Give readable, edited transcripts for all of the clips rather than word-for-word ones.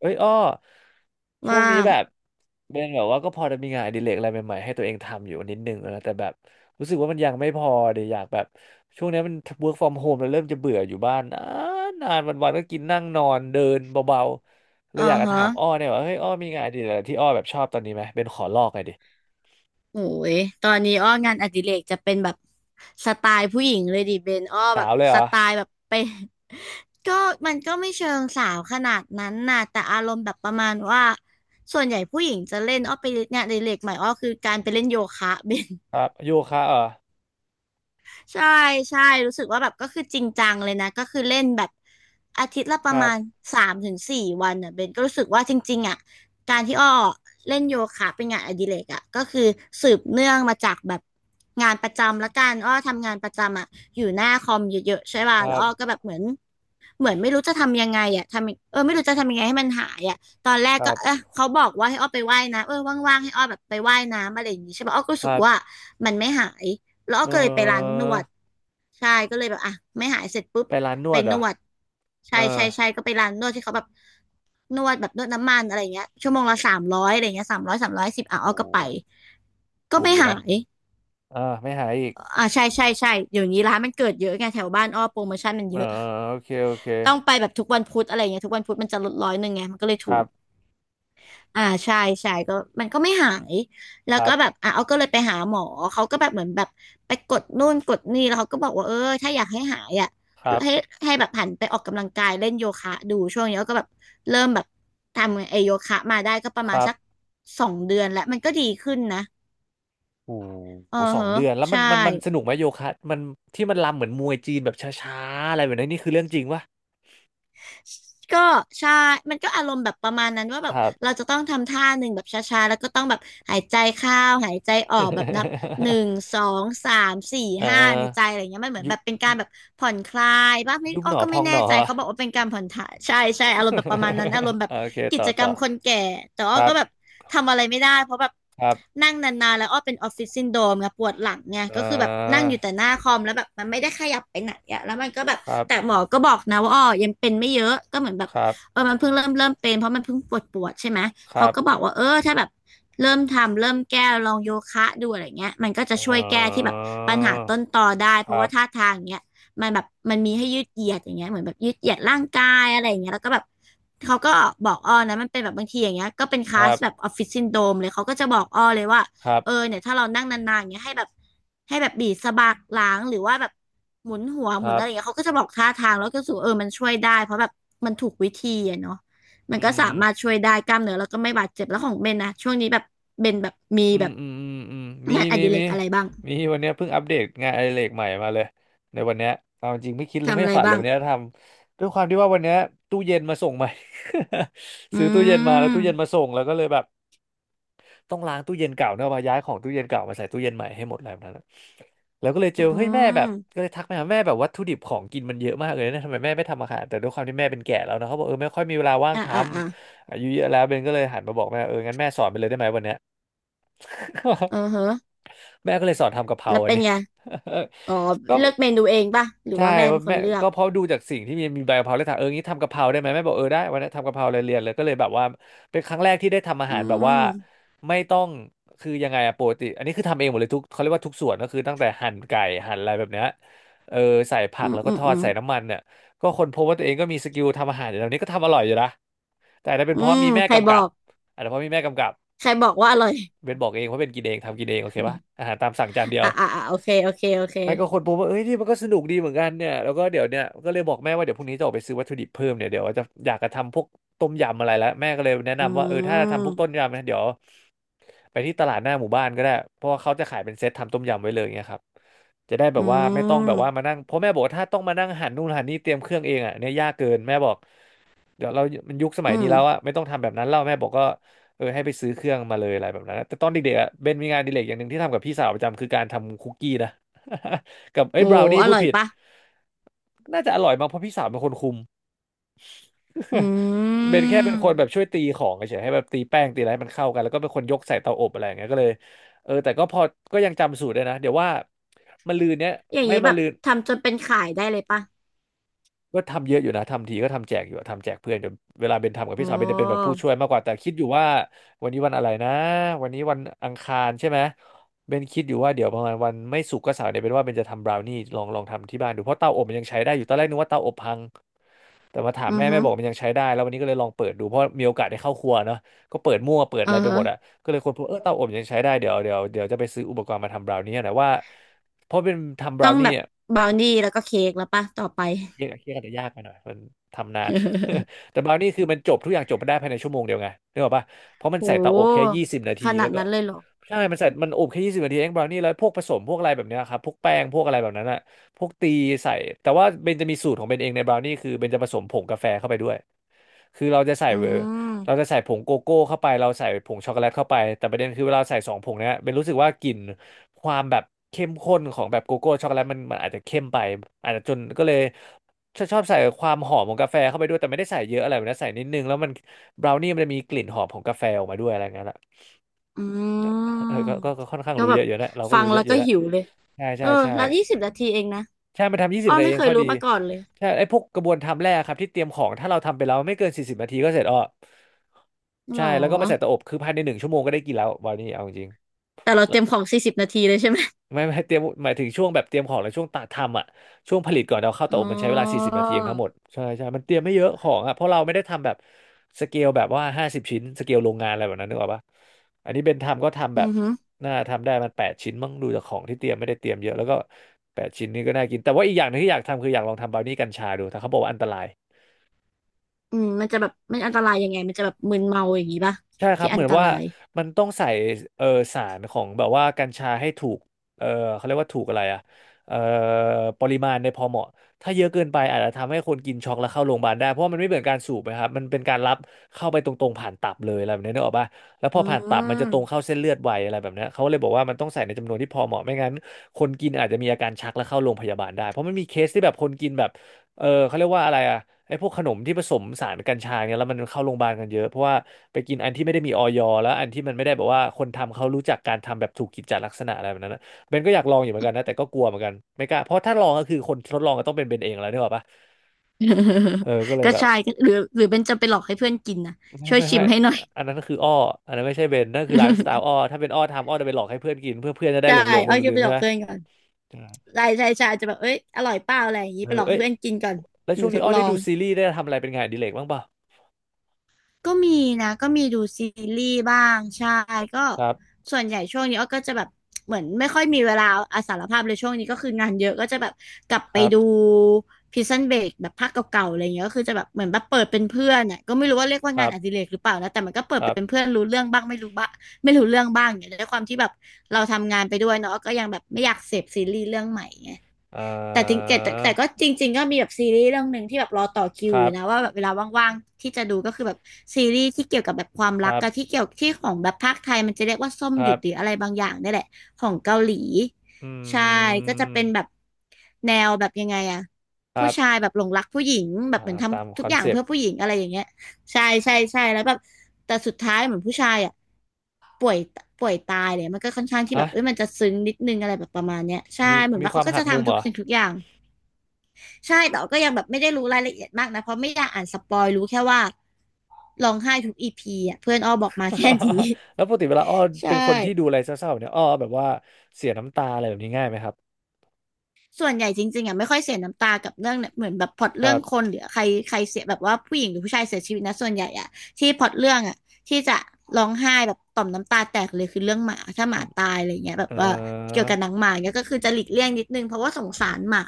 เอ้ยอ้อช่วงว่านี้งแบบเป็นแบบว่าก็พอจะมีงานอดิเรกอะไรใหม่ๆให้ตัวเองทำอยู่นิดนึงนะแต่แบบรู้สึกว่ามันยังไม่พอเดี๋ยวอยากแบบช่วงนี้มัน work from home แล้วเริ่มจะเบื่ออยู่บ้านนานนานวันๆก็กินนั่งนอนเดินเบาๆเลอ๋ยออยากจะฮะถามอ้อเนี่ยว่าเฮ้ยอ้อมีงานอดิเรกอะไรที่อ้อแบบชอบตอนนี้ไหมเป็นขอลอกไงดิโอ้ย ตอนนี้อ้องานอดิเรกจะเป็นแบบสไตล์ผู้หญิงเลยดิเบนอ้อแบสาบวเลยเหสรอไตล์แบบไป ก็มันก็ไม่เชิงสาวขนาดนั้นน่ะแต่อารมณ์แบบประมาณว่า ส่วนใหญ่ผู้หญิงจะเล่นอ้อไปงานอดิเรกใหม่อ้อคือการไปเล่นโยคะ เบน ครับโยคะเหรอใช่ใช่รู้สึกว่าแบบก็คือจริงจังเลยนะก็คือเล่นแบบอาทิตย์ละปคระรับมาณสามถึงสี่วันอ่ะเบนก็รู้สึกว่าจริงๆอ่ะการที่อ้อเล่นโยคะเป็นงานอดิเรกอ่ะก็คือสืบเนื่องมาจากแบบงานประจำละกันอ้อทำงานประจำอ่ะอยู่หน้าคอมเยอะๆใช่ป่ะครัแล้วอ้อบก็แบบเหมือน ไม่รู้จะทำยังไงอ่ะทำเออไม่รู้จะทำยังไงให้มันหายอ่ะตอนแรกคก็รับเออเขาบอกว่าให้อ้อไปว่ายน้ำเออว่างๆให้อ้อแบบไปว่ายน้ำอะไรอย่างงี้ใช่ปะอ้อก็ครู้สึกรัว่าบมันไม่หายแล้วอ้อเอก็เลยไปร้านอนวดใช่ก็เลยแบบอ่ะไม่หายเสร็จปุ๊บไปร้านนไปวดเหรนอวดเอใช่อใช่ใช่ก็ไปร้านนวดที่เขาแบบนวดแบบนวดน้ำมันอะไรอย่างเงี้ยชั่วโมงละสามร้อยอะไรเงี้ยสามร้อย310อ่ะอ้โอ้อก็ไปก็ถูกไม่อยู่หานะยอ่าไม่หายอีก อ่าใช่ใช่ใช่เดี๋ยวนี้ร้านมันเกิดเยอะไงแถวบ้านอ้อโปรโมชั่นมันเอเยออะ โอเคโอเคต้องไปแบบทุกวันพุธอะไรอย่างเงี้ยทุกวันพุธมันจะลด100ไงมันก็เลยคถูรับกอ่าใช่ใช่ก็มันก็ไม่หายแล้ควรัก็แบบบอ่ะเอาก็เลยไปหาหมอเขาก็แบบเหมือนแบบไปกดนู่นกดนี่แล้วเขาก็บอกว่าเออถ้าอยากให้หายอ่ะครับให้ให้แบบหันไปออกกำลังกายเล่นโยคะดูช่วงนี้ก็แบบเริ่มแบบทำไอโยคะมาได้ก็ประคมาณรับสัก2 เดือนแล้วมันก็ดีขึ้นนะโอ้โเออหสอเหงอะเดือนแล้วมันใช่ มันมันสนุกไหมโยคะมันที่มันรำเหมือนมวยจีนแบบช้าๆอะไรแบบนั้นนี่คือเรื่องจริงปะก็ใช่มันก็อารมณ์แบบประมาณนั้นว่าคแบบรับ เราจะต้องทำท่าหนึ่งแบบช้าๆแล้วก็ต้องแบบหายใจเข้าหายใจออกแบบนับหนึ่ งสองสามสี่เอห้าในใจออะไรเงี้ยมันเหมือนยุแบบเป็นการยุแบบผ่อนคลายบ้างไม่บอ้หอนอก็พไม่องหแน่นอ ใจเขาบอกว่าเป็นการผ่อนถ่ายใช่ใช่อารมณ์แบบประมาณนั้นอารมณ์แบ บโอเคกิต่อจกรต่รอมคนแก่แต่คอ้อรับก็แบบทำอะไรไม่ได้เพราะแบบ ครับนั่งนานๆแล้วอ้อเป็นออฟฟิศซินโดรมไงปวดหลังไงอ่ก็คือแบบนั่งาอยู่แต่หน้าคอมแล้วแบบมันไม่ได้ขยับไปไหนอะแล้วมันก็แบบครัแต่หบมอก็บอกนะว่าอ้อยังเป็นไม่เยอะก็เหมือนแบบครับเออมันเพิ่งเริ่มเป็นเพราะมันเพิ่งปวดปวดใช่ไหมคเขารับก็บอกว่าเออถ้าแบบเริ่มทำเริ่มแก้ลองโยคะดูอะไรเงี้ยมันก็เจะช่วยแก้ที่ออแบบปัญหาต้นตอได้คเพราะรัว่าบท่าทางเนี้ย มันแบบมันมีให้ยืดเหยียดอย่างเงี้ยเหมือนแบบยืดเหยียดร่างกายอะไรอย่างเงี้ยแล้วก็แบบเขาก็บอกอ้อนะมันเป็นแบบบางทีอย่างเงี้ยก็เป็นคคลารัสบแบบออฟฟิศซินโดรมเลยเขาก็จะบอกอ้อเลยว่าครัเออบเนี่ยถ้าเรานั่งนานๆอย่างเงี้ยให้แบบบีบสะบักหลังหรือว่าแบบหมุนหัวคหมุนรัอะไรอย่างเงี้ยบเขาก็จะบอกท่าทางแล้วก็รู้สูเออมันช่วยได้เพราะแบบมันถูกวิธีอะเนาะมัอืนก็สาม มารถช่วยได้กล้ามเนื้อแล้วก็ไม่บาดเจ็บแล้วของเบนนะช่วงนี้แบบเบนแบบมีอืแบมบอืมอืมอืมมีงานอมีดิเรมีกอะไรบ้างมีวันเนี้ยเพิ่งอัปเดตงานอดิเรกใหม่มาเลยในวันเนี้ยเอาจริงไม่คิดเลยทำไม่อะไรฝันเลยบ้างวันเนี้ยทำด้วยความที่ว่าวันเนี้ยตู้เย็นมาส่งใหม่ อืซื้อตู้เย็นมาแล้วตู้เย็นมาม ส่งแล้วก็เลยแบบต้องล้างตู้เย็นเก่าเนอะมาย้ายของตู้เย็นเก่ามาใส่ตู้เย็นใหม่ให้หมดอะไรแบบนั้นอะแล้วก็เลยเจอือเฮ้ยแม่แบมบก็เลยทักไปหาแม่แบบวัตถุดิบของกินมันเยอะมากเลยนะทำไมแม่ไม่ทำอาหารแต่ด้วยความที่แม่เป็นแก่แล้วนะเขาบอกเออไม่ค่อยมีเวลาว่างอ่ะทอ่ะอ่ะำอายุเยอะแล้วเบนก็เลยหันมาบอกแม่เอองั้นแม่สอนไปเลยได้ไหมวันเนี้ย เออฮะแม่ก็เลยสอนทำกะเพราแล้วอันเป็นนี้ ไงอ๋อก็เลือกเมนูเองป่ะหรือใช่ว่าแม่เพเป็ราะนคนแม่เลือกก็เพราะดูจากสิ่งที่มีใบกะเพราเลยถามเอองี้ทำกะเพราได้ไหมแม่บอกเออได้วันนี้นทำกะเพราเลยเรียนเลยก็เลยแบบว่าเป็นครั้งแรกที่ได้ทำอาอืหารแบบว่ามไม่ต้องคือยังไงอะปกติอันนี้คือทำเองหมดเลยทุกเขาเรียกว่าทุกส่วนก็คือตั้งแต่หั่นไก่หั่นอะไรแบบเนี้ยเออใส่ผัอืกมแล้วก็อืทมออืดมใส่น้ำมันเนี่ยก็คนพบว่าตัวเองก็มีสกิลทำอาหารอยู่แล้วนี้ก็ทำอร่อยอยู่นะแต่อาจจะเป็นอืเพราะมมีแม่ใครกำบกัอบกอาจจะเพราะมีแม่กำกับใครบอกว่าอร่อย เบนบอกเองเพราะเบนกินเองทำกินเองโอเคปะอาหารตามสั่งจานเดีย ว อ่ะอ่ะอ่ะโอเคโอเคโอเคใช่ก็คนพบว่าเอ้ยนี่มันก็สนุกดีเหมือนกันเนี่ยแล้วก็เดี๋ยวเนี่ยก็เลยบอกแม่ว่าเดี๋ยวพรุ่งนี้จะออกไปซื้อวัตถุดิบเพิ่มเนี่ยเดี๋ยวจะอยากจะทำพวกต้มยำอะไรแล้วแม่ก็เลยแนะอืนำว่าเออถ้าจะทำพวกต้มมยำนะเดี๋ยวไปที่ตลาดหน้าหมู่บ้านก็ได้เพราะว่าเขาจะขายเป็นเซตทำต้มยำไว้เลยเงี้ยครับจะได้แบอืบว่าไม่ต้องแบมบว่ามานั่งเพราะแม่บอกว่าถ้าต้องมานั่งหั่นนู่นหั่นนี่เตรียมเครื่องเองอ่ะเนี่ยยากเกินแม่บอก เดี๋ยวเรามันยุคสมัอืยนี้มแล้วอะไม่ต้องทำแบบนั้นแล้วแม่บอกก็เออให้ไปซื้อเครื่องมาเลยอะไรแบบนั้นนะแต่ตอนเด็กๆอะเบนมีงานอดิเรกอย่างหนึ่งที่ทำกับพี่สาวประจำคือการทำคุกกี้นะ กับเอ้ยโอ้บราวนี่อพูดร่อยผิด ป่ะน่าจะอร่อยมากเพราะพี่สาวเป็นคนคุม อื เบนแค่เป็นคนแบบช่มวยตีของเฉยๆให้แบบตีแป้งตีอะไรให้มันเข้ากันแล้วก็เป็นคนยกใส่เตาอบอะไรอย่างเงี้ยก็เลยเออแต่ก็พอก็ยังจำสูตรได้นะเดี๋ยวว่ามะรืนเนี้ยอย่างไม่นี้แบมะบรืน ทำจนเป็นขายได้เลยป่ะก็ทำเยอะอยู่นะทำทีก็ทำแจกอยู่อะทำแจกเพื่อนจนเวลาเบนทำกับอ๋อพี่สาวเบนจะเป็นแบบผู้ช่วยมากกว่าแต่คิดอยู่ว่าวันนี้วันอะไรนะวันนี้วันอังคารใช่ไหมเบนคิดอยู่ว่าเดี๋ยวประมาณวันไม่ศุกร์ก็เสาร์เนี่ยเบนว่าเบนจะทำบราวนี่ลองทำที่บ้านดูเพราะเตาอบมันยังใช้ได้อยู่ตอนแรกนึกว่าเตาอบพังแต่มาถามอือแม่แม่ฮึบอกมันยังใช้ได้แล้ววันนี้ก็เลยลองเปิดดูเพราะมีโอกาสได้เข้าครัวเนาะก็เปิดมั่วเปิดเอออะไรไปฮะหมดอะก็เลยคนพบเออเตาอบยังใช้ได้เดี๋ยวจะไปซื้ออุปกรณ์มาทำบราวนี่นะว่าเพราะเป็นทำบต้ราอวงนี่แบบอะ บราวนี่แล้วก็เค้กแล้วป่ะต่อไป เคียดเคียกันจจะยากไปหน่อยมันทำนาน แต่บราวนี่คือมันจบทุกอย่างจบมาได้ภายในชั่วโมงเดียวไงนึกออกปะเพราะมัโนใส่เตาอบแค่หยี่สิบนาทีขแล้นาวดก็นั้นเลยเหรอ ใช่มันใส่มันอบแค่ยี่สิบนาทีเองบราวนี่แล้วพวกผสมพวกอะไรแบบเนี้ยครับพวกแป้งพวกอะไรแบบนั้นอะพวกตีใส่แต่ว่าเบนจะมีสูตรของเบนเองในบราวนี่คือเบนจะผสมผงกาแฟเข้าไปด้วยคือเราจะใส่อืเวอร์เรามจะใส่ผงโกโก้เข้าไปเราใส่ผงช็อกโกแลตเข้าไปแต่ประเด็นคือเวลาใส่สองผงเนี้ยเบนรู้สึกว่ากลิ่นความแบบเข้มข้นของแบบโกโก้ช็อกโกแลตมันอาจจะเข้มไปอาจจะจนก็เลย ชอบใส่ความหอมของกาแฟเข้าไปด้วยแต่ไม่ได้ใส่เยอะอะไรแบบนะใส่นิดนึงแล้วมันบราวนี่มันจะมีกลิ่นหอมของกาแฟออกมาด้วยอะไรเงี้ยละอืเออมก็ค่อนข้างก็รู้แบเยบอะอยู่นะเราก็ฟัรู้งเยแล้อะวอยู่ก็แล้วหิวเลยใช่เอใช่อใช่แล้ว20 นาทีเองนะใช่มันทำยี่สิอ้บอนาทีไม่เอเคงยข้อรู้ดีมาก่อนเลยใช่ไอ้พวกกระบวนทำแรกครับที่เตรียมของถ้าเราทำไปแล้วไม่เกินสี่สิบนาทีก็เสร็จอ้อหรใช่อแล้วก็มาใส่เตาอบคือภายใน1 ชั่วโมงก็ได้กินแล้วบราวนี่เอาจริง แต่เราเต็มของ40 นาทีเลยใช่ไหมไม่ไม่เตรียมหมายถึงช่วงแบบเตรียมของและช่วงตัดทำอ่ะช่วงผลิตก่อนเราเข้าเตาอ๋ออบมันใช้เวลาสี่สิบนาทีเองทั้งหมดใช่ใช่มันเตรียมไม่เยอะของอ่ะเพราะเราไม่ได้ทำแบบสเกลแบบว่า50 ชิ้นสเกลโรงงานอะไรแบบนั้นนึกออกปะอันนี้เบนทำก็ทำแบอืบอหือน่าทำได้มันแปดชิ้นมั้งดูจากของที่เตรียมไม่ได้เตรียมเยอะแล้วก็แปดชิ้นนี้ก็น่ากินแต่ว่าอีกอย่างหนึงที่อยากทำคืออยากลองทำบราวนี่กัญชาดูแต่เขาบอกว่าอันตราย อืมมันจะแบบมันอันตรายยังไงมันจะแบบมึนเมาอย่างนี้ป่ะใช่ครัที่บเหอัมืนอนตว่ารายมันต้องใส่เออสารของแบบว่ากัญชาให้ถูกเออเขาเรียกว่าถูกอะไรอะเออปริมาณในพอเหมาะถ้าเยอะเกินไปอาจจะทำให้คนกินช็อกแล้วเข้าโรงพยาบาลได้เพราะว่ามันไม่เหมือนการสูบนะครับมันเป็นการรับเข้าไปตรงๆผ่านตับเลยอะไรแบบนี้นึกออกป่ะแล้วพอือผ่านตับมันจะตรงเข้าม เส้นเลือดไวอะไรแบบเนี้ยเขาเลยบอกว่ามันต้องใส่ในจำนวนที่พอเหมาะไม่งั้นคนกินอาจจะมีอาการชักและเข้าโรงพยาบาลได้เพราะมันมีเคสที่แบบคนกินแบบเออเขาเรียกว่าอะไรอะ ไอ้พวกขนมที่ผสมสารกัญชาเนี่ยแล้วมันเข้าโรงพยาบาลกันเยอะเพราะว่าไปกินอันที่ไม่ได้มีออยแล้วอันที่มันไม่ได้แบบว่าคนทำเขารู้จักการทำแบบถูกกิจจลักษณะอะไรแบบนั้นนะเบนก็อยากลองอยู่เหมือนกันนะแต่ก็กลัวเหมือนกันไม่กล้าเพราะถ้าลองก็คือคนทดลองก็ต้องเป็นเบนเองแล้วนี่หรอกปะเออก็เล ยแบบใช่ก็หรือเป็นจะไปหลอกให้เพื่อนกินนะไม่ช่วยไม่ชิไม่มให้หน่อย อันนั้นก็คืออ้ออันนั้นไม่ใช่เบนนั่นคือไลฟ์สไตล์อ้อ ถ้าเป็นอ้อทำอ้อจะไปหลอกให้เพื่อนกินเพื่อเพื่อนจะได้ใช่หลงหลงไปอ้อยก็ลืมไปๆหลใช่อกไหมเพื่อนก่อนใช่ใช่ใช่ใช่อาจจะแบบเอ้ยอร่อยเปล่าอะไรอย่างนี้เอไปหอลอกให้เอ้ยเพื่อนกินก่อนแล้วหรืช่อวงทนี้ดอ้อลอได้ง ดูซีรีส์ได้ทำอะไรเป็นงานอดิเรกบ้างเปล่าก็มีนะก็มีดูซีรีส์บ้างใช่ก็ครับส่วนใหญ่ช่วงนี้อ้อก็จะแบบเหมือนไม่ค่อยมีเวลาอาสารภาพเลยช่วงนี้ก็คืองานเยอะก็จะแบบกลับคไปรับดู Prison Break แบบภาคเก่าๆอะไรเงี้ยก็คือจะแบบเหมือนแบบเปิดเป็นเพื่อนอ่ะก็ไม่รู้ว่าเรียกว่าคงารันอดิบเรกหรือเปล่านะแต่มันก็เปิคดรับเป็นเพื่อนรู้เรื่องบ้างไม่รู้บ้างไม่รู้เรื่องบ้างเนี่ยด้วยความที่แบบเราทำงานไปด้วยเนาะก็ยังแบบไม่อยากเสพซีรีส์เรื่องใหม่ไง อ่แต่จริงาแต่แต่ก็จริงๆก็มีแบบซีรีส์เรื่องหนึ่งที่แบบรอต่อคิควอรับ ยู่นะว่าแบบเวลาว่างๆที่จะดูก็คือแบบซีรีส์ที่เกี่ยวกับแบบความครักรับกับที่เกี่ยวที่ของแบบภาคไทยมันจะเรียกว่าส้มคหรัยุดบหรืออะไรบางอย่างนี่แหละของเกาหลีอืใช่ก็จะเป็มนแบบแนวแบบยังไงอะครัผู้ชายบแบบหลงรักผู้หญิงแบบเหมืออ่านตามทำคทุกออนย่างเซปเพื่อต์ผู้หญิงอะไรอย่างเงี้ยใช่ใช่ใช่แล้วแบบแต่สุดท้ายเหมือนผู้ชายอะป่วยป่วยตายเลยมันก็ค่อนข้างที่แบฮะบเอ้ยมันจะซึ้งนิดนึงอะไรแบบประมาณเนี้ยใช่มีเหมือนมีว่าควาเขามก็หัจะกมุมทำเหทุรกอ สิ่งทุกอย่าง ใช่แต่ว่าก็ยังแบบไม่ได้รู้รายละเอียดมากนะเพราะไม่อยากอ่านสปอยรู้แค่ว่าร้องไห้ทุกEPอ่ะเพื่อนอ้อบอกมาแค่นี้ แล้วปกติเวลาอ้อ ใช่ เป็นคนที่ดูอะไรเศร้าๆแบบเนี้ยอ้อแบบว่าเสียน้ำตาอะไรแบบนี้ง่ายไหมครับส่วนใหญ่จริงๆอ่ะไม่ค่อยเสียน้ำตากับเรื่องเนี่ยเหมือนแบบพล็อตคเรื่รัองบคนหรือใครใครเสียแบบว่าผู้หญิงหรือผู้ชายเสียชีวิตนะส่วนใหญ่อ่ะที่พล็อตเรื่องอ่ะที่จะร้องไห้แบบต่อมน้ำตาแตกเลยคือเรื่องหมาถ้าหมาตายอะไรเงี้ยแบบเอ่ว่าอเกี่ยวกับหนังหมาเนี่ยก็คือจะหลีกเลี่ยงนิดนึงเพราะว่าสงสารหมา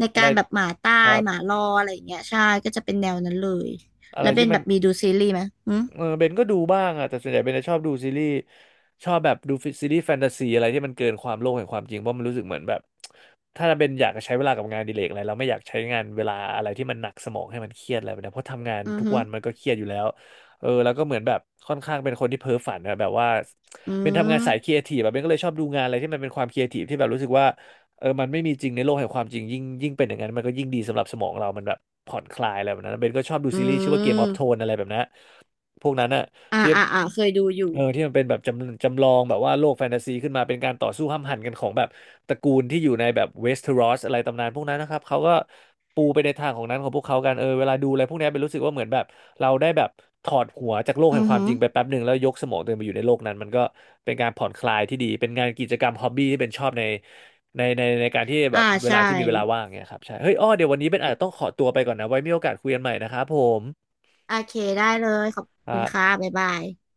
ในอะไรการแบบหมาคตายรับหมารออะไรอย่างเงี้ยใช่ก็จะเป็นแนวนั้นเลยอะไรแล้วเป็ที่นมัแบน บมีดูซีรีส์ไหมอืมเออเบนก็ดูบ้างอะแต่ส่วนใหญ่เบนจะชอบดูซีรีส์ชอบแบบดูซีรีส์แฟนตาซีอะไรที่มันเกินความโลกแห่งความจริงเพราะมันรู้สึกเหมือนแบบถ้าเบนอยากจะใช้เวลากับงานอดิเลกอะไรเราไม่อยากใช้งานเวลาอะไรที่มันหนักสมองให้มันเครียดอะไรแบบนี้เพราะทำงานอือทุกหือวันมันก็เครียดอยู่แล้วเออแล้วก็เหมือนแบบค่อนข้างเป็นคนที่เพ้อฝันนะแบบว่าอืเป็นทำงานสายครีมเอทีฟแบบเบนก็เลยชอบดูงานอะไรที่มันเป็นความครีเอทีฟที่แบบรู้สึกว่า เออมันไม่มีจริงในโลกแห่งความจริงยิ่งยิ่งเป็นอย่างนั้นมันก็ยิ่งดีสำหรับสมองเรามันแบบผ่อนคลายอะไรแบบนั้นเบนก็ชอบดูอืซีรีส์ชื่อว่าเกมออฟโทมนอะไรแบบนั้นพวกนั้นอะอ่าที่อ่าอ่าเคยดูอยู่เออที่มันเป็นแบบจำลองแบบว่าโลกแฟนตาซีขึ้นมาเป็นการต่อสู้ห้ำหั่นกันของแบบตระกูลที่อยู่ในแบบเวสเทอรอสอะไรตำนานพวกนั้นนะครับเขาก็ปูไปในทางของนั้นของพวกเขากันเออเวลาดูอะไรพวกเนี้ยเป็นรู้สึกว่าเหมือนแบบเราได้แบบถอดหัวจากโลกแห่อืงอความหือจริงไปแป๊บหนึ่งแล้วยกสมองตัวเองไปอยู่ในโลกนั้นมันก็เป็นการผ่อนคลายที่ดีเป็นงานกิจกรรมฮอบบี้ที่เป็นชอบใน ในการที่แบอ่าบเวใช่ ลาที่มีเวลาว่างเนี่ยครับใช่เฮ้ยอ้อเดี๋ยววันนี้เป็นอาจจะต้องขอตัวไปก่อนนะไว้มีโอกาสคุยกันใหม่นะครับผมโอเคได้เลยขอบคคุรัณค่ะบบ๊ายบาย